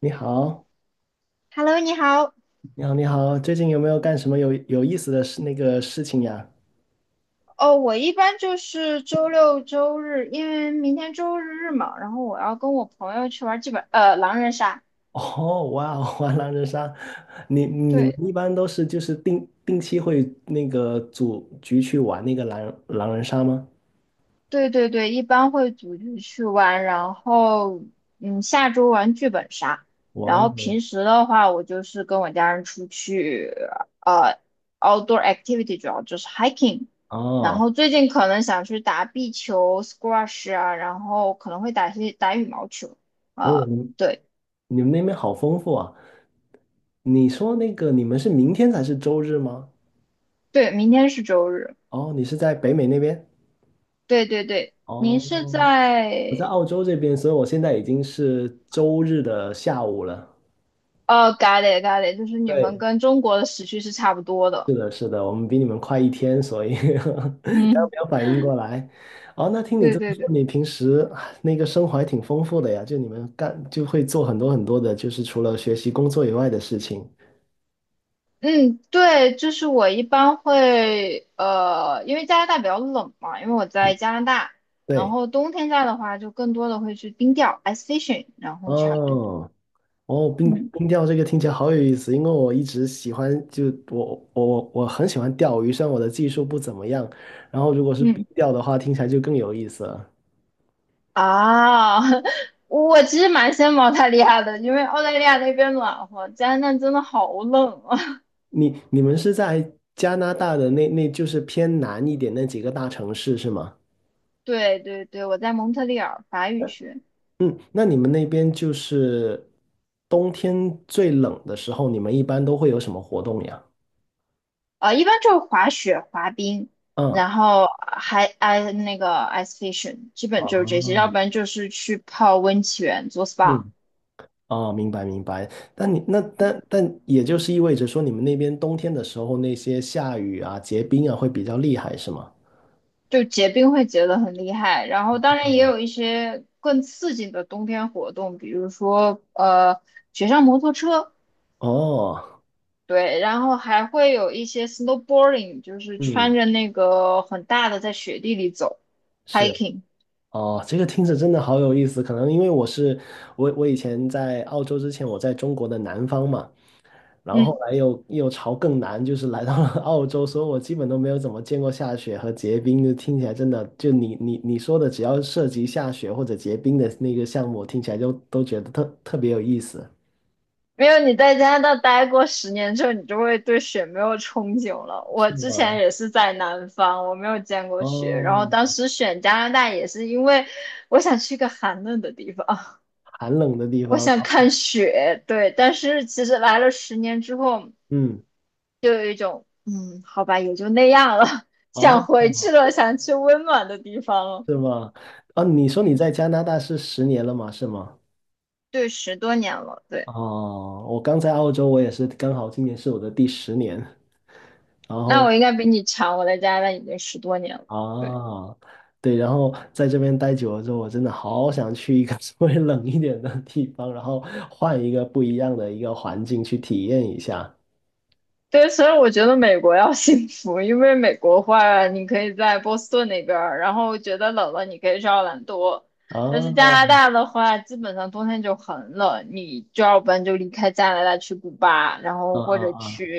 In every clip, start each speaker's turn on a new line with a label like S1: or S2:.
S1: 你好，
S2: Hello，你好。
S1: 你好，你好，最近有没有干什么有意思的那个事情呀？
S2: 哦，我一般就是周六周日，因为明天周日嘛，然后我要跟我朋友去玩剧本，狼人杀。
S1: 哦，哇哦，玩狼人杀。你们
S2: 对，
S1: 一般都是就是定期会那个组局去玩那个狼人杀吗？
S2: 对对对，一般会组局去玩，然后下周玩剧本杀。
S1: 哇
S2: 然后
S1: 哦，
S2: 平时的话，我就是跟我家人出去，呃，outdoor activity 主要就是 hiking。然
S1: 哦
S2: 后最近可能想去打壁球、squash 啊，然后可能会打羽毛球，
S1: 哦，
S2: 呃。
S1: 你
S2: 对。
S1: 你们那边好丰富啊！你说那个你们是明天才是周日吗？
S2: 对，明天是周日。
S1: 哦，你是在北美那边？
S2: 对对对，您是
S1: 哦，我在
S2: 在
S1: 澳洲这边，所以我现在已经是周日的下午了。
S2: g o t i g i 就是你们
S1: 对，
S2: 跟中国的时区是差不多的。
S1: 是的，我们比你们快一天，所以 刚
S2: 嗯，
S1: 没有反应过来。哦，那听你
S2: 对
S1: 这么
S2: 对
S1: 说，
S2: 对，
S1: 你平时啊那个生活还挺丰富的呀，就你们就会做很多很多的，就是除了学习工作以外的事情。
S2: 嗯，对，就是我一般会因为加拿大比较冷嘛，因为我在加拿大，然
S1: 对，
S2: 后冬天在的话就更多的会去冰钓 ice fishing，然后差不多。
S1: 哦，哦，冰
S2: 嗯
S1: 冰钓这个听起来好有意思，因为我一直喜欢，就我很喜欢钓鱼，虽然我的技术不怎么样，然后如果是
S2: 嗯
S1: 冰钓的话，听起来就更有意思了。
S2: 啊，我其实蛮羡慕澳大利亚的，因为澳大利亚那边暖和，加拿大真的好冷啊。
S1: 你们是在加拿大的那就是偏南一点那几个大城市是吗？
S2: 对对对，我在蒙特利尔法语区。
S1: 嗯，那你们那边就是冬天最冷的时候，你们一般都会有什么活动呀？
S2: 一般就是滑雪、滑冰，
S1: 嗯
S2: 然后还 那个 ice fishing，基本就是这些，要
S1: 哦，
S2: 不然就是去泡温泉、做 SPA。
S1: 嗯，哦，明白明白。但你那但但也就是意味着说，你们那边冬天的时候，那些下雨啊、结冰啊会比较厉害，是吗？
S2: 就结冰会结得很厉害。然后当然也有一些更刺激的冬天活动，比如说雪上摩托车，
S1: 哦，
S2: 对，然后还会有一些 snowboarding，就是
S1: 嗯，
S2: 穿着那个很大的在雪地里走
S1: 是。
S2: hiking。
S1: 哦，这个听着真的好有意思。可能因为我是我我以前在澳洲之前，我在中国的南方嘛。然后后
S2: 嗯
S1: 来又朝更南，就是来到了 澳洲，所以我基本都没有怎么见过下雪和结冰，就听起来真的，就你说的，只要涉及下雪或者结冰的那个项目，听起来就都觉得特别有意思，
S2: 没有，你在加拿大待过十年之后，你就会对雪没有憧憬了。我
S1: 是
S2: 之前
S1: 吗？
S2: 也是在南方，我没有见过雪，然后当
S1: 哦，
S2: 时选加拿大也是因为我想去一个寒冷的地方，
S1: 寒冷的地
S2: 我
S1: 方，
S2: 想看雪。对，但是其实来了十年之后，
S1: 嗯，
S2: 就有一种好吧，也就那样了，想
S1: 哦，
S2: 回去了，想去温暖的地方了。
S1: 是吗？啊，你说你
S2: 嗯，
S1: 在加拿大是十年了吗？是吗？
S2: 对，十多年了。对，
S1: 哦，我刚在澳洲，我也是刚好今年是我的第10年，然
S2: 那
S1: 后
S2: 我应该比你长，我在加拿大已经十多年了。对。
S1: 啊，对，然后在这边待久了之后，我真的好想去一个 稍微冷一点的地方，然后换一个不一样的一个环境去体验一下。
S2: 对，所以我觉得美国要 幸福，因为美国话你可以在波士顿那边儿，然后觉得冷了你可以去奥兰多。但是加拿
S1: 啊，
S2: 大的话，基本上冬天就很冷，你就要不然就离开加拿大去古巴，然
S1: 啊
S2: 后或者
S1: 啊
S2: 去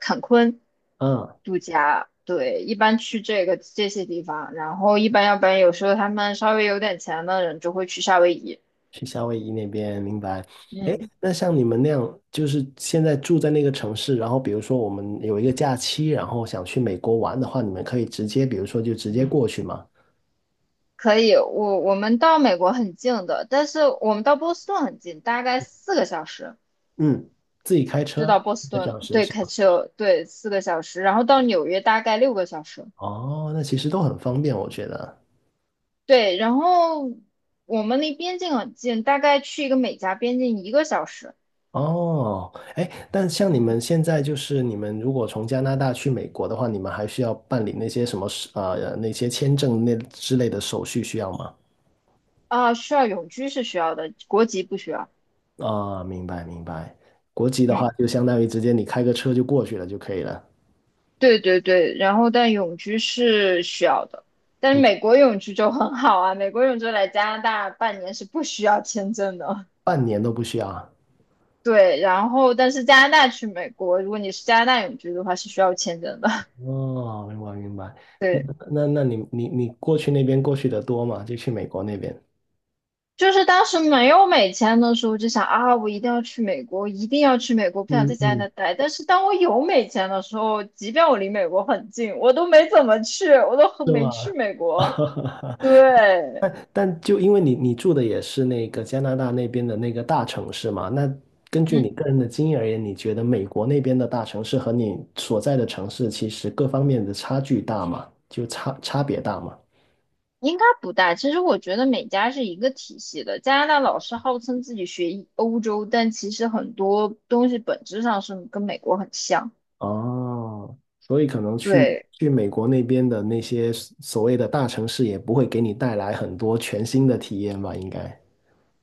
S2: 坎昆
S1: 啊啊！
S2: 度假。对，一般去这个这些地方，然后一般要不然有时候他们稍微有点钱的人就会去夏威夷。
S1: 去夏威夷那边，明白。哎，
S2: 嗯。
S1: 那像你们那样，就是现在住在那个城市，然后比如说我们有一个假期，然后想去美国玩的话，你们可以直接，比如说就直接过去吗？
S2: 可以，我们到美国很近的，但是我们到波士顿很近，大概四个小时
S1: 嗯，自己开
S2: 就
S1: 车
S2: 到波
S1: 一
S2: 士
S1: 个
S2: 顿
S1: 小
S2: 了。
S1: 时
S2: 对，
S1: 是
S2: 开
S1: 吧？
S2: 车，对，四个小时，然后到纽约大概6个小时。
S1: 哦，那其实都很方便，我觉得。
S2: 对，然后我们离边境很近，大概去一个美加边境1个小时。
S1: 哦，哎，但像你
S2: 嗯
S1: 们现在就是你们如果从加拿大去美国的话，你们还需要办理那些什么事那些签证那之类的手续需要吗？
S2: 啊，需要永居是需要的，国籍不需要。
S1: 啊，明白明白。国籍的
S2: 嗯，
S1: 话，就相当于直接你开个车就过去了就可以了，
S2: 对对对，然后但永居是需要的，但是美国永居就很好啊，美国永居来加拿大半年是不需要签证的。
S1: 半年都不需要啊。
S2: 对，然后但是加拿大去美国，如果你是加拿大永居的话，是需要签证的。
S1: 哦，明白明白。那
S2: 对，
S1: 那你过去那边过去的多吗？就去美国那边。
S2: 就是当时没有美签的时候，就想啊，我一定要去美国，一定要去美国，不想
S1: 嗯
S2: 在加
S1: 嗯，
S2: 拿大待。但是当我有美签的时候，即便我离美国很近，我都没怎么去，我都很
S1: 是
S2: 没去
S1: 吧？
S2: 美国。对，
S1: 但就因为你住的也是那个加拿大那边的那个大城市嘛，那根据
S2: 嗯，
S1: 你个人的经验而言，你觉得美国那边的大城市和你所在的城市其实各方面的差距大吗？就差别大吗？
S2: 应该不大。其实我觉得美加是一个体系的。加拿大老是号称自己学欧洲，但其实很多东西本质上是跟美国很像。
S1: 哦，所以可能去
S2: 对。
S1: 去美国那边的那些所谓的大城市也不会给你带来很多全新的体验吧，应该。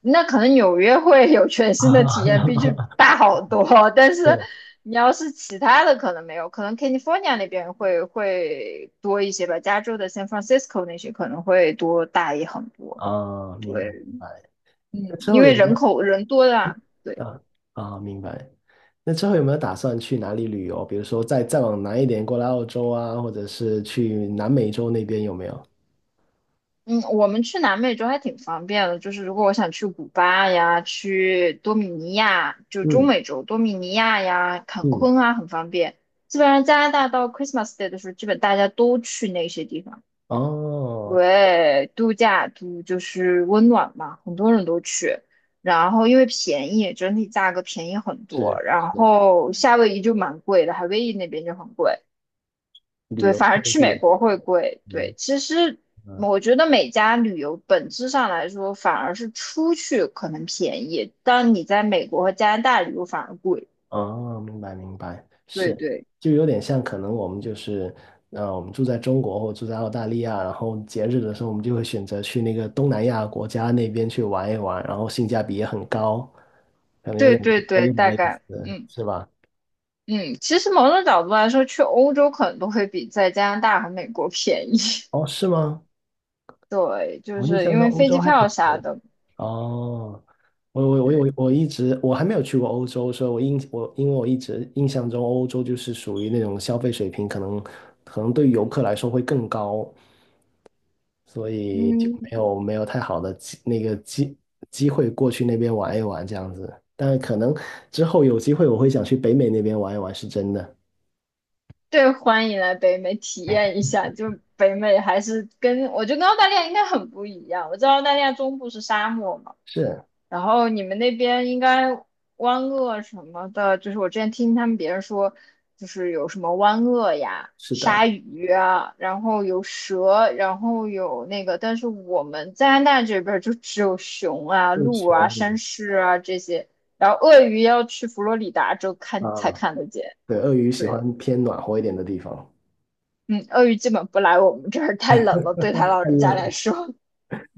S2: 那可能纽约会有全 新的体验，
S1: 啊，
S2: 毕竟大好多。但是
S1: 是
S2: 你要是其他的，可能没有，可能 California 那边会多一些吧，加州的 San Francisco 那些可能会多大也很多，
S1: 啊，明白明白。那之
S2: 因
S1: 后有
S2: 为
S1: 没
S2: 人
S1: 有？
S2: 口人多的啊。对，
S1: 啊啊，明白。那之后有没有打算去哪里旅游？比如说再往南一点，过来澳洲啊，或者是去南美洲那边有没有？
S2: 嗯，我们去南美洲还挺方便的，就是如果我想去古巴呀，去多米尼亚，就中
S1: 嗯
S2: 美洲多米尼亚呀、坎
S1: 嗯，
S2: 昆啊，很方便。基本上加拿大到 Christmas Day 的时候，基本大家都去那些地方。
S1: 哦，
S2: 对，度假，就是温暖嘛，很多人都去。然后因为便宜，整体价格便宜很多。
S1: 是
S2: 然
S1: 是，
S2: 后夏威夷就蛮贵的，夏威夷那边就很贵。
S1: 旅
S2: 对，
S1: 游
S2: 反而
S1: 胜
S2: 去美
S1: 地，
S2: 国会贵。对，
S1: 嗯
S2: 其实
S1: 嗯，
S2: 我觉得每家旅游本质上来说，反而是出去可能便宜，但你在美国和加拿大旅游反而贵。
S1: 哦，明白明白，
S2: 对
S1: 是，
S2: 对
S1: 就有点像可能我们就是，我们住在中国或住在澳大利亚，然后节日的时候我们就会选择去那个东南亚国家那边去玩一玩，然后性价比也很高，可能有
S2: 对
S1: 点
S2: 对
S1: 有
S2: 对，
S1: 点
S2: 大
S1: 类
S2: 概
S1: 似，是吧？
S2: 嗯，其实某种角度来说，去欧洲可能都会比在加拿大和美国便宜。
S1: 哦，是吗？
S2: 对，就
S1: 我印
S2: 是
S1: 象
S2: 因
S1: 中
S2: 为
S1: 欧
S2: 飞
S1: 洲
S2: 机
S1: 还挺
S2: 票
S1: 多
S2: 啥
S1: 的。
S2: 的，
S1: 哦，我我我
S2: 对，
S1: 我我一直我还没有去过欧洲，所以我印我因为我一直印象中欧洲就是属于那种消费水平可能对于游客来说会更高，所以就
S2: 嗯，
S1: 没有太好的机会过去那边玩一玩这样子。但可能之后有机会我会想去北美那边玩一玩，是真的。
S2: 对，欢迎来北美体验一下。就北美还是跟我觉得跟澳大利亚应该很不一样。我知道澳大利亚中部是沙漠嘛，
S1: 是
S2: 然后你们那边应该湾鳄什么的，就是我之前听他们别人说，就是有什么湾鳄呀、
S1: 是
S2: 鲨
S1: 的，
S2: 鱼啊，然后有蛇，然后有那个，但是我们加拿大这边儿就只有熊啊、
S1: 不
S2: 鹿啊、
S1: 穷
S2: 山狮啊这些，然后鳄鱼要去佛罗里达州看才
S1: 啊，
S2: 看得见。
S1: 对，鳄鱼喜
S2: 对，
S1: 欢偏暖和一点的地方，
S2: 嗯，鳄鱼基本不来我们这儿，太冷了，对他老
S1: 太
S2: 人家
S1: 冷
S2: 来说。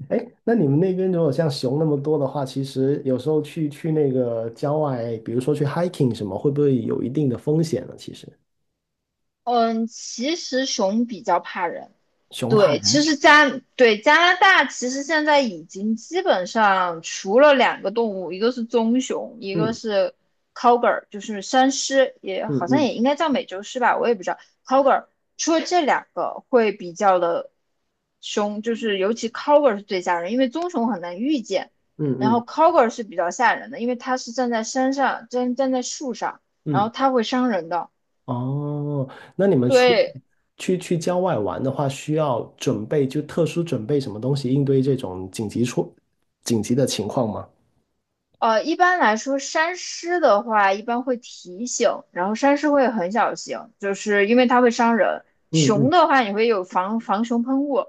S1: 哎，那你们那边如果像熊那么多的话，其实有时候去那个郊外，比如说去 hiking 什么，会不会有一定的风险呢？其实，
S2: 嗯，其实熊比较怕人，
S1: 熊怕
S2: 对，其
S1: 人。
S2: 实加对加拿大其实现在已经基本上除了两个动物，一个是棕熊，一个
S1: 嗯
S2: 是 cougar，就是山狮，也
S1: 嗯
S2: 好像
S1: 嗯
S2: 也应该叫美洲狮吧，我也不知道 cougar。除了这两个会比较的凶，就是尤其 cougar 是最吓人，因为棕熊很难遇见，然
S1: 嗯
S2: 后
S1: 嗯
S2: cougar 是比较吓人的，因为它是站在山上，站在树上，然后
S1: 嗯，
S2: 它会伤人的。
S1: 哦，那你们出
S2: 对，
S1: 去郊外玩的话，需要准备就特殊准备什么东西应对这种紧急的情况吗？
S2: 一般来说，山狮的话一般会提醒，然后山狮会很小心，就是因为它会伤人。
S1: 嗯
S2: 熊
S1: 嗯，
S2: 的话，你会有防熊喷雾，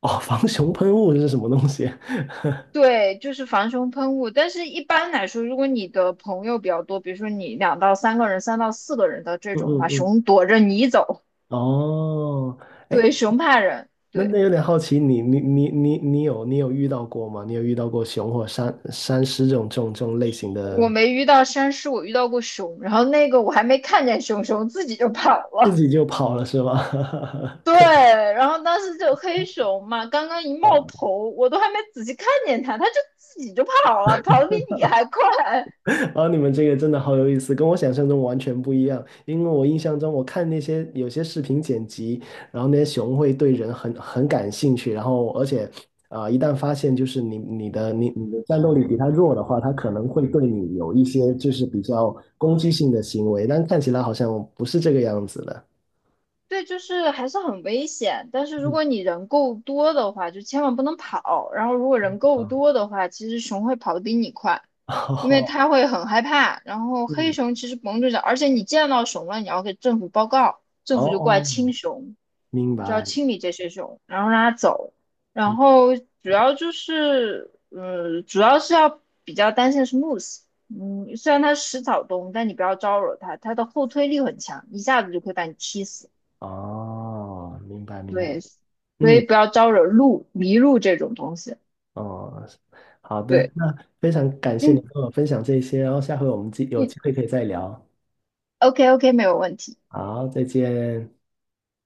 S1: 哦，防熊喷雾是什么东西？
S2: 对，就是防熊喷雾。但是一般来说，如果你的朋友比较多，比如说你2到3个人、3到4个人的 这
S1: 嗯
S2: 种的
S1: 嗯
S2: 话，
S1: 嗯，
S2: 熊躲着你走，
S1: 哦，
S2: 对，
S1: 哎，
S2: 熊怕人。
S1: 那
S2: 对，
S1: 那有点好奇，你有遇到过吗？你有遇到过熊或山狮这种类型的，
S2: 我没遇到山狮，我遇到过熊，然后那个我还没看见熊，熊自己就跑
S1: 自
S2: 了。
S1: 己就跑了是吗？
S2: 对，
S1: 可
S2: 然后当时就黑熊嘛，刚刚一
S1: 怕！
S2: 冒头，我都还没仔细看见它，它就自己就跑了，跑得比你还快。
S1: 啊，你们这个真的好有意思，跟我想象中完全不一样。因为我印象中，我看那些有些视频剪辑，然后那些熊会对人很感兴趣，然后而且啊、一旦发现就是你的战斗力比它弱的话，它可能会对你有一些就是比较攻击性的行为，但看起来好像不是这个样子的。
S2: 对，就是还是很危险。但是如果你人够多的话，就千万不能跑。然后如果人
S1: 啊，
S2: 够多的话，其实熊会跑得比你快，因为
S1: 哦，
S2: 它会很害怕。然后黑
S1: 嗯，
S2: 熊其实甭住脚，而且你见到熊了，你要给政府报告，
S1: 哦
S2: 政府就过来
S1: 哦，
S2: 清熊，
S1: 明
S2: 就要
S1: 白，
S2: 清理这些熊，然后让它走。然
S1: 明
S2: 后主
S1: 白，
S2: 要就是，嗯，主要是要比较担心的是 moose。嗯，虽然它食草动物，但你不要招惹它，它的后推力很强，一下子就可以把你踢死。
S1: 哦，明白，明白，
S2: 对，所以
S1: 嗯，
S2: 不要招惹路迷路这种东西。
S1: 哦，好的，
S2: 对，
S1: 那非常感谢你
S2: 嗯
S1: 跟我分享这些，然后下回我们有
S2: 嗯
S1: 机会可以再聊，
S2: ，OK OK，没有问题。
S1: 好，再见。